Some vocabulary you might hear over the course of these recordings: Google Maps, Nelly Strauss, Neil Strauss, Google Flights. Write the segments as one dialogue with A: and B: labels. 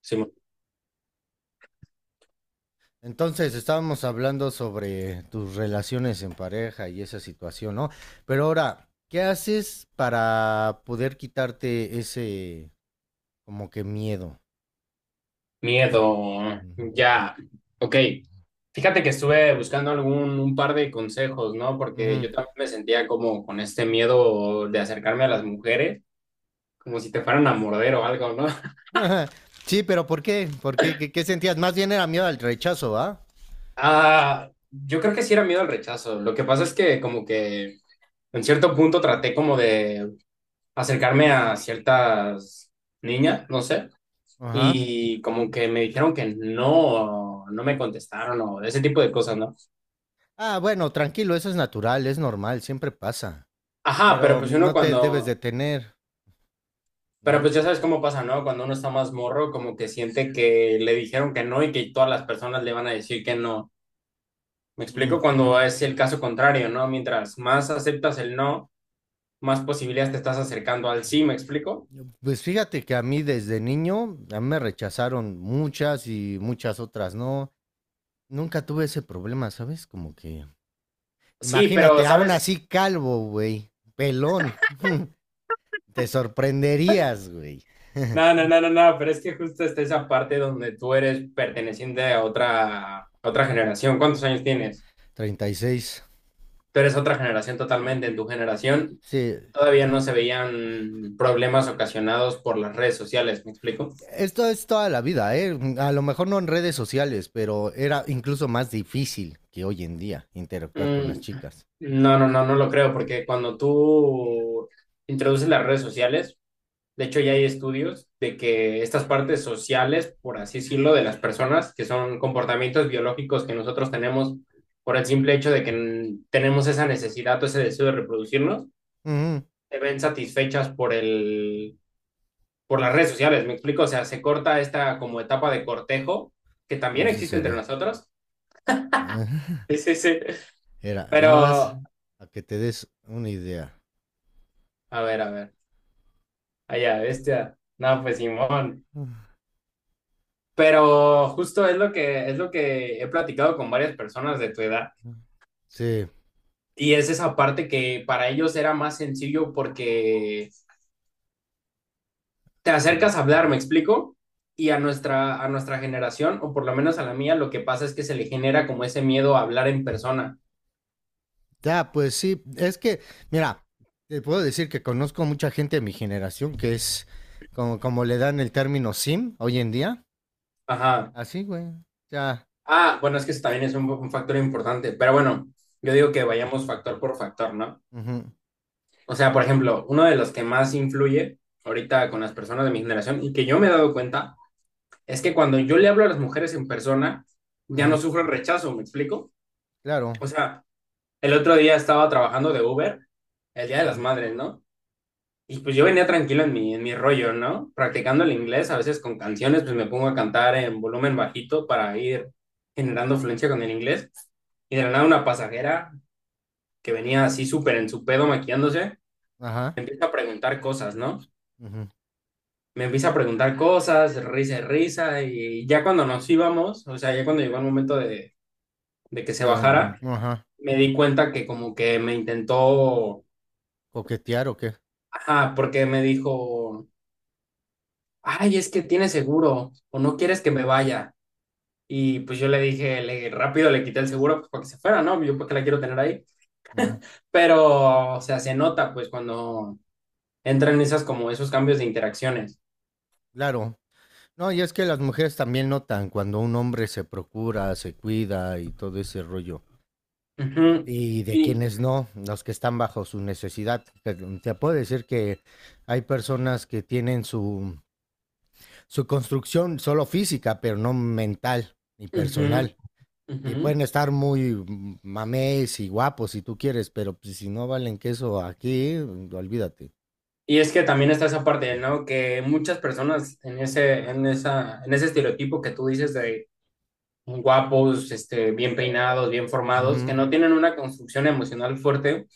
A: Sí,
B: Entonces, estábamos hablando sobre tus relaciones en pareja y esa situación, ¿no? Pero ahora, ¿qué haces para poder quitarte ese como que miedo?
A: miedo, ya, ok. Fíjate que estuve buscando algún un par de consejos, ¿no? Porque
B: Ujú.
A: yo también me sentía como con este miedo de acercarme a las mujeres, como si te fueran a morder o algo, ¿no?
B: Sí, pero ¿por qué? ¿Por qué? ¿Qué sentías? Más bien era miedo al rechazo, ¿va?
A: Ah, yo creo que sí era miedo al rechazo. Lo que pasa es que como que en cierto punto traté como de acercarme a ciertas niñas, no sé,
B: Ajá.
A: y como que me dijeron que no, no me contestaron o ese tipo de cosas, ¿no?
B: Ah, bueno, tranquilo, eso es natural, es normal, siempre pasa.
A: Ajá. pero
B: Pero
A: pues uno
B: no te debes
A: cuando
B: detener,
A: Pero
B: ¿no?
A: pues ya sabes cómo pasa, ¿no? Cuando uno está más morro, como que siente que le dijeron que no y que todas las personas le van a decir que no. Me
B: Mm,
A: explico cuando es el caso contrario, ¿no? Mientras más aceptas el no, más posibilidades te estás acercando al
B: mm.
A: sí, ¿me explico?
B: Pues fíjate que a mí desde niño, a mí me rechazaron muchas y muchas otras no. Nunca tuve ese problema, ¿sabes? Como que,
A: Sí, pero,
B: imagínate, aún
A: ¿sabes?
B: así calvo, güey, pelón, te sorprenderías, güey.
A: No, no, no, no, no, pero es que justo está esa parte donde tú eres perteneciente a otra, generación. ¿Cuántos años tienes?
B: 36.
A: Tú eres otra generación totalmente. En tu generación
B: Sí,
A: todavía no se veían problemas ocasionados por las redes sociales, ¿me explico?
B: esto es toda la vida, ¿eh? A lo mejor no en redes sociales, pero era incluso más difícil que hoy en día interactuar con las
A: Mm.
B: chicas.
A: No, no, no, no lo creo, porque cuando tú introduces las redes sociales, de hecho ya hay estudios de que estas partes sociales, por así decirlo, de las personas, que son comportamientos biológicos que nosotros tenemos por el simple hecho de que tenemos esa necesidad o ese deseo de reproducirnos,
B: Ujú.
A: se ven satisfechas por el, por las redes sociales, ¿me explico? O sea, se corta esta como etapa de cortejo que
B: A
A: también
B: ver si
A: existe
B: se
A: entre
B: ve.
A: nosotros. Sí, sí, sí.
B: Era nada más
A: Pero,
B: a que te des una idea.
A: a ver, a ver. Allá, bestia. No, pues Simón. Pero justo es lo que, he platicado con varias personas de tu edad.
B: Sí.
A: Y es esa parte que para ellos era más sencillo porque te
B: horri-
A: acercas a hablar, ¿me explico? Y a nuestra generación, o por lo menos a la mía, lo que pasa es que se le genera como ese miedo a hablar en persona.
B: Ya, pues sí, mira, te puedo decir que conozco mucha gente de mi generación que es como le dan el término sim hoy en día.
A: Ajá.
B: Así, güey. Ya.
A: Ah, bueno, es que eso también es un factor importante, pero bueno, yo digo que vayamos factor por factor, ¿no?
B: Ujú,
A: O sea, por ejemplo, uno de los que más influye ahorita con las personas de mi generación y que yo me he dado cuenta es que cuando yo le hablo a las mujeres en persona, ya no
B: ujú,
A: sufren rechazo, ¿me explico?
B: claro.
A: O sea, el otro día estaba trabajando de Uber, el Día de las
B: Ujú.
A: Madres, ¿no? Y pues yo venía tranquilo en mi, rollo, ¿no? Practicando el inglés, a veces con canciones, pues me pongo a cantar en volumen bajito para ir generando fluencia con el inglés. Y de la nada una pasajera que venía así súper en su pedo maquillándose,
B: Ajá.
A: me empieza a preguntar cosas, ¿no?
B: Ujú.
A: Me empieza a preguntar cosas, risa y risa, y ya cuando nos íbamos, o sea, ya cuando llegó el momento de que se bajara,
B: Ajá.
A: me di cuenta que como que me intentó,
B: Coquetear o qué.
A: ajá, porque me dijo, ay, es que tiene seguro o no quieres que me vaya. Y pues yo le dije, rápido le quité el seguro pues, para que se fuera, ¿no? Yo porque la quiero tener ahí.
B: Ujú.
A: Pero, o sea, se nota pues cuando entran esas como esos cambios de interacciones.
B: Claro. No, y es que las mujeres también notan cuando un hombre se procura, se cuida y todo ese rollo.
A: Ujú.
B: Y de
A: Y,
B: quienes no, los que están bajo su necesidad. Te puedo decir que hay personas que tienen su construcción solo física, pero no mental ni
A: ujú,
B: personal. Y
A: ujú.
B: pueden estar muy mames y guapos si tú quieres, pero pues, si no valen queso aquí, olvídate.
A: Y es que también está esa parte, ¿no? Que muchas personas en ese, en esa, en ese estereotipo que tú dices de guapos, este, bien peinados, bien formados,
B: Ujú,
A: que no tienen una construcción emocional fuerte,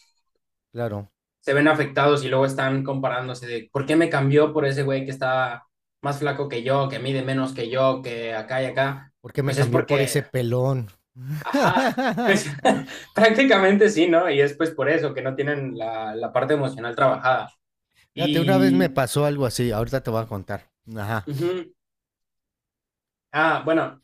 B: claro.
A: se ven afectados y luego están comparándose de por qué me cambió por ese güey que está más flaco que yo, que mide menos que yo, que acá y acá.
B: Porque me
A: Pues es
B: cambió por ese
A: porque,
B: pelón.
A: ajá, pues prácticamente sí, ¿no? Y es pues por eso que no tienen la, parte emocional trabajada.
B: Fíjate, una vez me
A: Y,
B: pasó algo así, ahorita te voy a contar. Ajá.
A: ujú. Ah, bueno.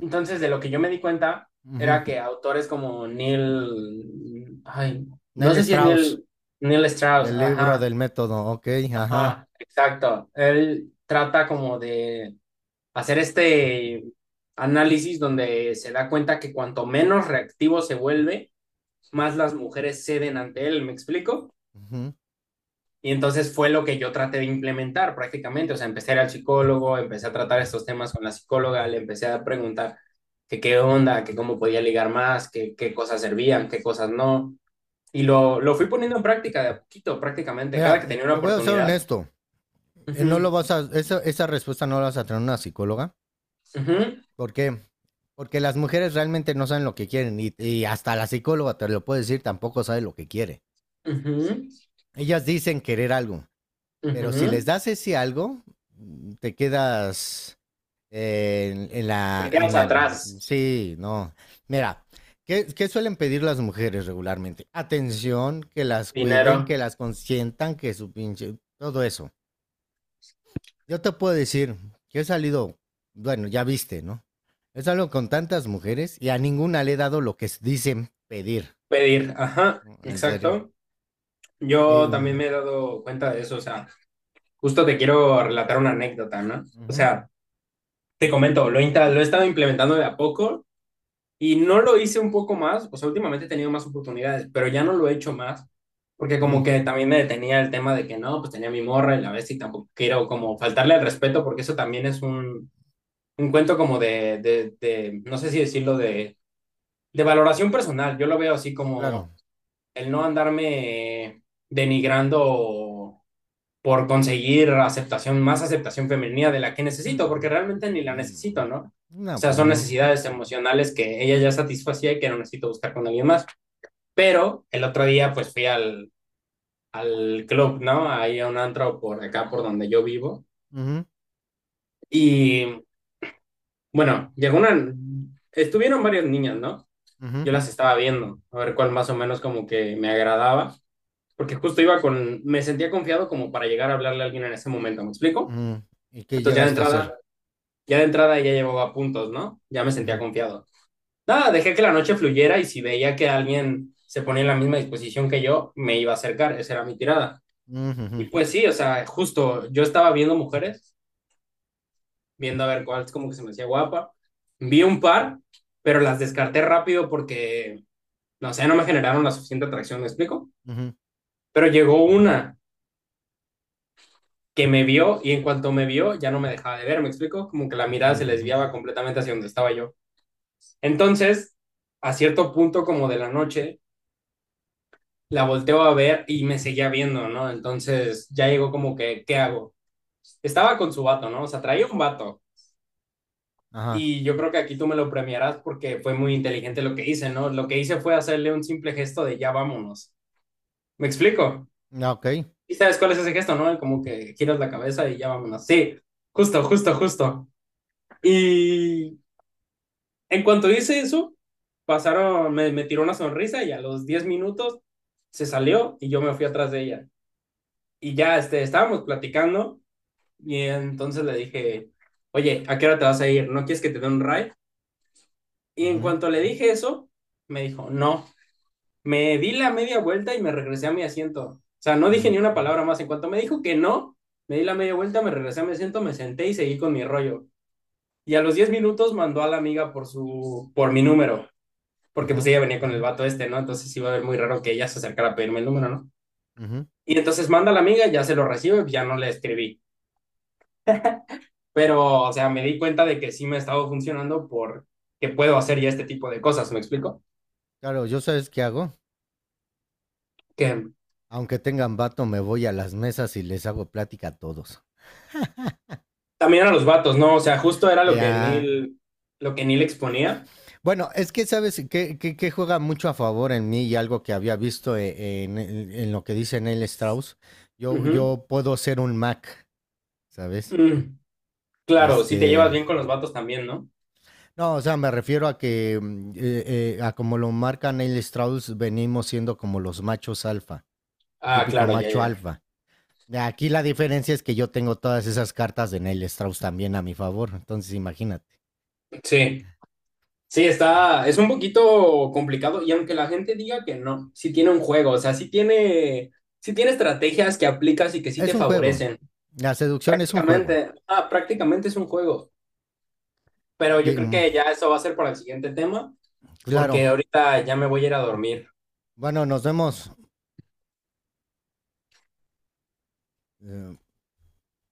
A: Entonces, de lo que yo me di cuenta
B: Ujú.
A: era que autores como Neil, ay, no
B: Nelly
A: sé si es
B: Strauss.
A: Neil, Neil Strauss,
B: El libro
A: ajá,
B: del método, ok, ajá.
A: ajá, exacto. Él trata como de hacer este análisis donde se da cuenta que cuanto menos reactivo se vuelve, más las mujeres ceden ante él, ¿me explico?
B: Ujú.
A: Y entonces fue lo que yo traté de implementar prácticamente. O sea, empecé a ir al psicólogo, empecé a tratar estos temas con la psicóloga, le empecé a preguntar que qué onda, que cómo podía ligar más, que qué cosas servían, qué cosas no. Y lo fui poniendo en práctica de a poquito, prácticamente,
B: Mira,
A: cada que tenía una
B: te voy a ser
A: oportunidad.
B: honesto. No lo
A: Ujú,
B: vas a, esa respuesta no la vas a tener una psicóloga.
A: ujú,
B: ¿Por qué? Porque las mujeres realmente no saben lo que quieren y hasta la psicóloga te lo puede decir, tampoco sabe lo que quiere.
A: ujú,
B: Ellas dicen querer algo, pero si les
A: ujú.
B: das ese algo, te quedas. En
A: Te
B: la, en
A: quedas
B: la,
A: atrás,
B: sí, no. Mira, ¿qué suelen pedir las mujeres regularmente? Atención, que las cuiden,
A: dinero,
B: que las consientan, que su pinche, todo eso. Yo te puedo decir que he salido, bueno, ya viste, ¿no? He salido con tantas mujeres y a ninguna le he dado lo que dicen pedir.
A: pedir, ajá,
B: ¿No? En serio.
A: exacto.
B: Eh,
A: Yo también
B: mm,
A: me he dado cuenta de eso, o sea, justo te quiero relatar una anécdota, ¿no? O
B: ujú,
A: sea, te comento, lo, lo he estado implementando de a poco y no lo hice un poco más, o sea, últimamente he tenido más oportunidades, pero ya no lo he hecho más, porque como
B: ujú,
A: que también me detenía el tema de que no, pues tenía mi morra y la ves y tampoco quiero como faltarle el respeto, porque eso también es un cuento como de, no sé si decirlo, de valoración personal. Yo lo veo así
B: claro.
A: como el no andarme denigrando por conseguir aceptación, más aceptación femenina de la que
B: Ujú,
A: necesito, porque realmente ni la necesito,
B: mm,
A: ¿no? O
B: no,
A: sea,
B: pues
A: son
B: no.
A: necesidades emocionales que ella ya satisfacía y que no necesito buscar con alguien más. Pero el otro día, pues fui al, al club, ¿no? Ahí a un antro por acá, por donde yo vivo.
B: Ujú,
A: Y bueno, llegó una. Estuvieron varias niñas, ¿no?
B: ujú,
A: Yo las estaba viendo, a ver cuál más o menos como que me agradaba, porque justo iba con. Me sentía confiado como para llegar a hablarle a alguien en ese momento, ¿me explico?
B: ujú. ¿Y qué
A: Entonces ya de
B: llegaste a
A: entrada
B: hacer?
A: Ya de entrada ya llevaba puntos, ¿no? Ya me sentía
B: Ujú.
A: confiado. Nada, dejé que la noche fluyera y si veía que alguien se ponía en la misma disposición que yo, me iba a acercar. Esa era mi tirada.
B: Ujú, ujú,
A: Y pues sí, o sea, justo yo estaba viendo mujeres, viendo a ver cuál es como que se me hacía guapa. Vi un par, pero las descarté rápido porque, no sé, no me generaron la suficiente atracción, ¿me explico?
B: ujú,
A: Pero llegó una que me vio y en cuanto me vio ya no me dejaba de ver, ¿me explico? Como que la
B: ujú,
A: mirada se les
B: ujú.
A: desviaba completamente hacia donde estaba yo. Entonces, a cierto punto como de la noche, la volteo a ver y me seguía viendo, ¿no? Entonces ya llegó como que, ¿qué hago? Estaba con su vato, ¿no? O sea, traía un vato.
B: Ajá.
A: Y yo creo que aquí tú me lo premiarás porque fue muy inteligente lo que hice, ¿no? Lo que hice fue hacerle un simple gesto de ya vámonos. ¿Me explico?
B: Ah, okey.
A: ¿Y sabes cuál es ese gesto, no? Como que giras la cabeza y ya vámonos. Sí, justo, justo, justo. Y en cuanto hice eso, pasaron, me tiró una sonrisa y a los 10 minutos se salió y yo me fui atrás de ella. Y ya este, estábamos platicando y entonces le dije, oye, ¿a qué hora te vas a ir? ¿No quieres que te dé un ride? Y en
B: Ujú,
A: cuanto le dije eso, me dijo, no. Me di la media vuelta y me regresé a mi asiento. O sea, no dije
B: ujú,
A: ni una palabra más. En cuanto me dijo que no, me di la media vuelta, me regresé a mi asiento, me senté y seguí con mi rollo. Y a los 10 minutos mandó a la amiga por su, por mi número. Porque pues
B: ujú,
A: ella venía con el vato este, ¿no? Entonces iba a ver muy raro que ella se acercara a pedirme el número, ¿no?
B: ujú.
A: Y entonces manda a la amiga, ya se lo recibe, pues, ya no le escribí. Pero, o sea, me di cuenta de que sí me ha estado funcionando porque puedo hacer ya este tipo de cosas, ¿me explico?
B: Claro, ¿yo sabes qué hago?
A: Que
B: Aunque tengan vato, me voy a las mesas y les hago plática a todos.
A: también a los vatos, ¿no? O sea, justo era lo que
B: Ya.
A: Neil, lo que Neil exponía.
B: Bueno, es que, ¿sabes que qué juega mucho a favor en mí? Y algo que había visto en lo que dice Neil Strauss, yo
A: Ujú.
B: yo puedo ser un Mac, ¿sabes?
A: Mm, claro, si te llevas
B: Este,
A: bien con los vatos también, ¿no?
B: no, o sea, me refiero a que, a como lo marca Neil Strauss, venimos siendo como los machos alfa. El
A: Ah,
B: típico
A: claro, ya, ya,
B: macho
A: ya.
B: alfa. Aquí la diferencia es que yo tengo todas esas cartas de Neil Strauss también a mi favor, entonces imagínate.
A: Sí. Sí, es un poquito complicado y aunque la gente diga que no, sí tiene un juego, o sea, sí tiene, estrategias que aplicas y que sí
B: Es
A: te
B: un juego.
A: favorecen.
B: La seducción es un juego.
A: Prácticamente es un juego, pero yo
B: Y,
A: creo
B: mm,
A: que ya eso va a ser para el siguiente tema,
B: claro.
A: porque ahorita ya me voy a ir a dormir.
B: Bueno, nos vemos. Eh,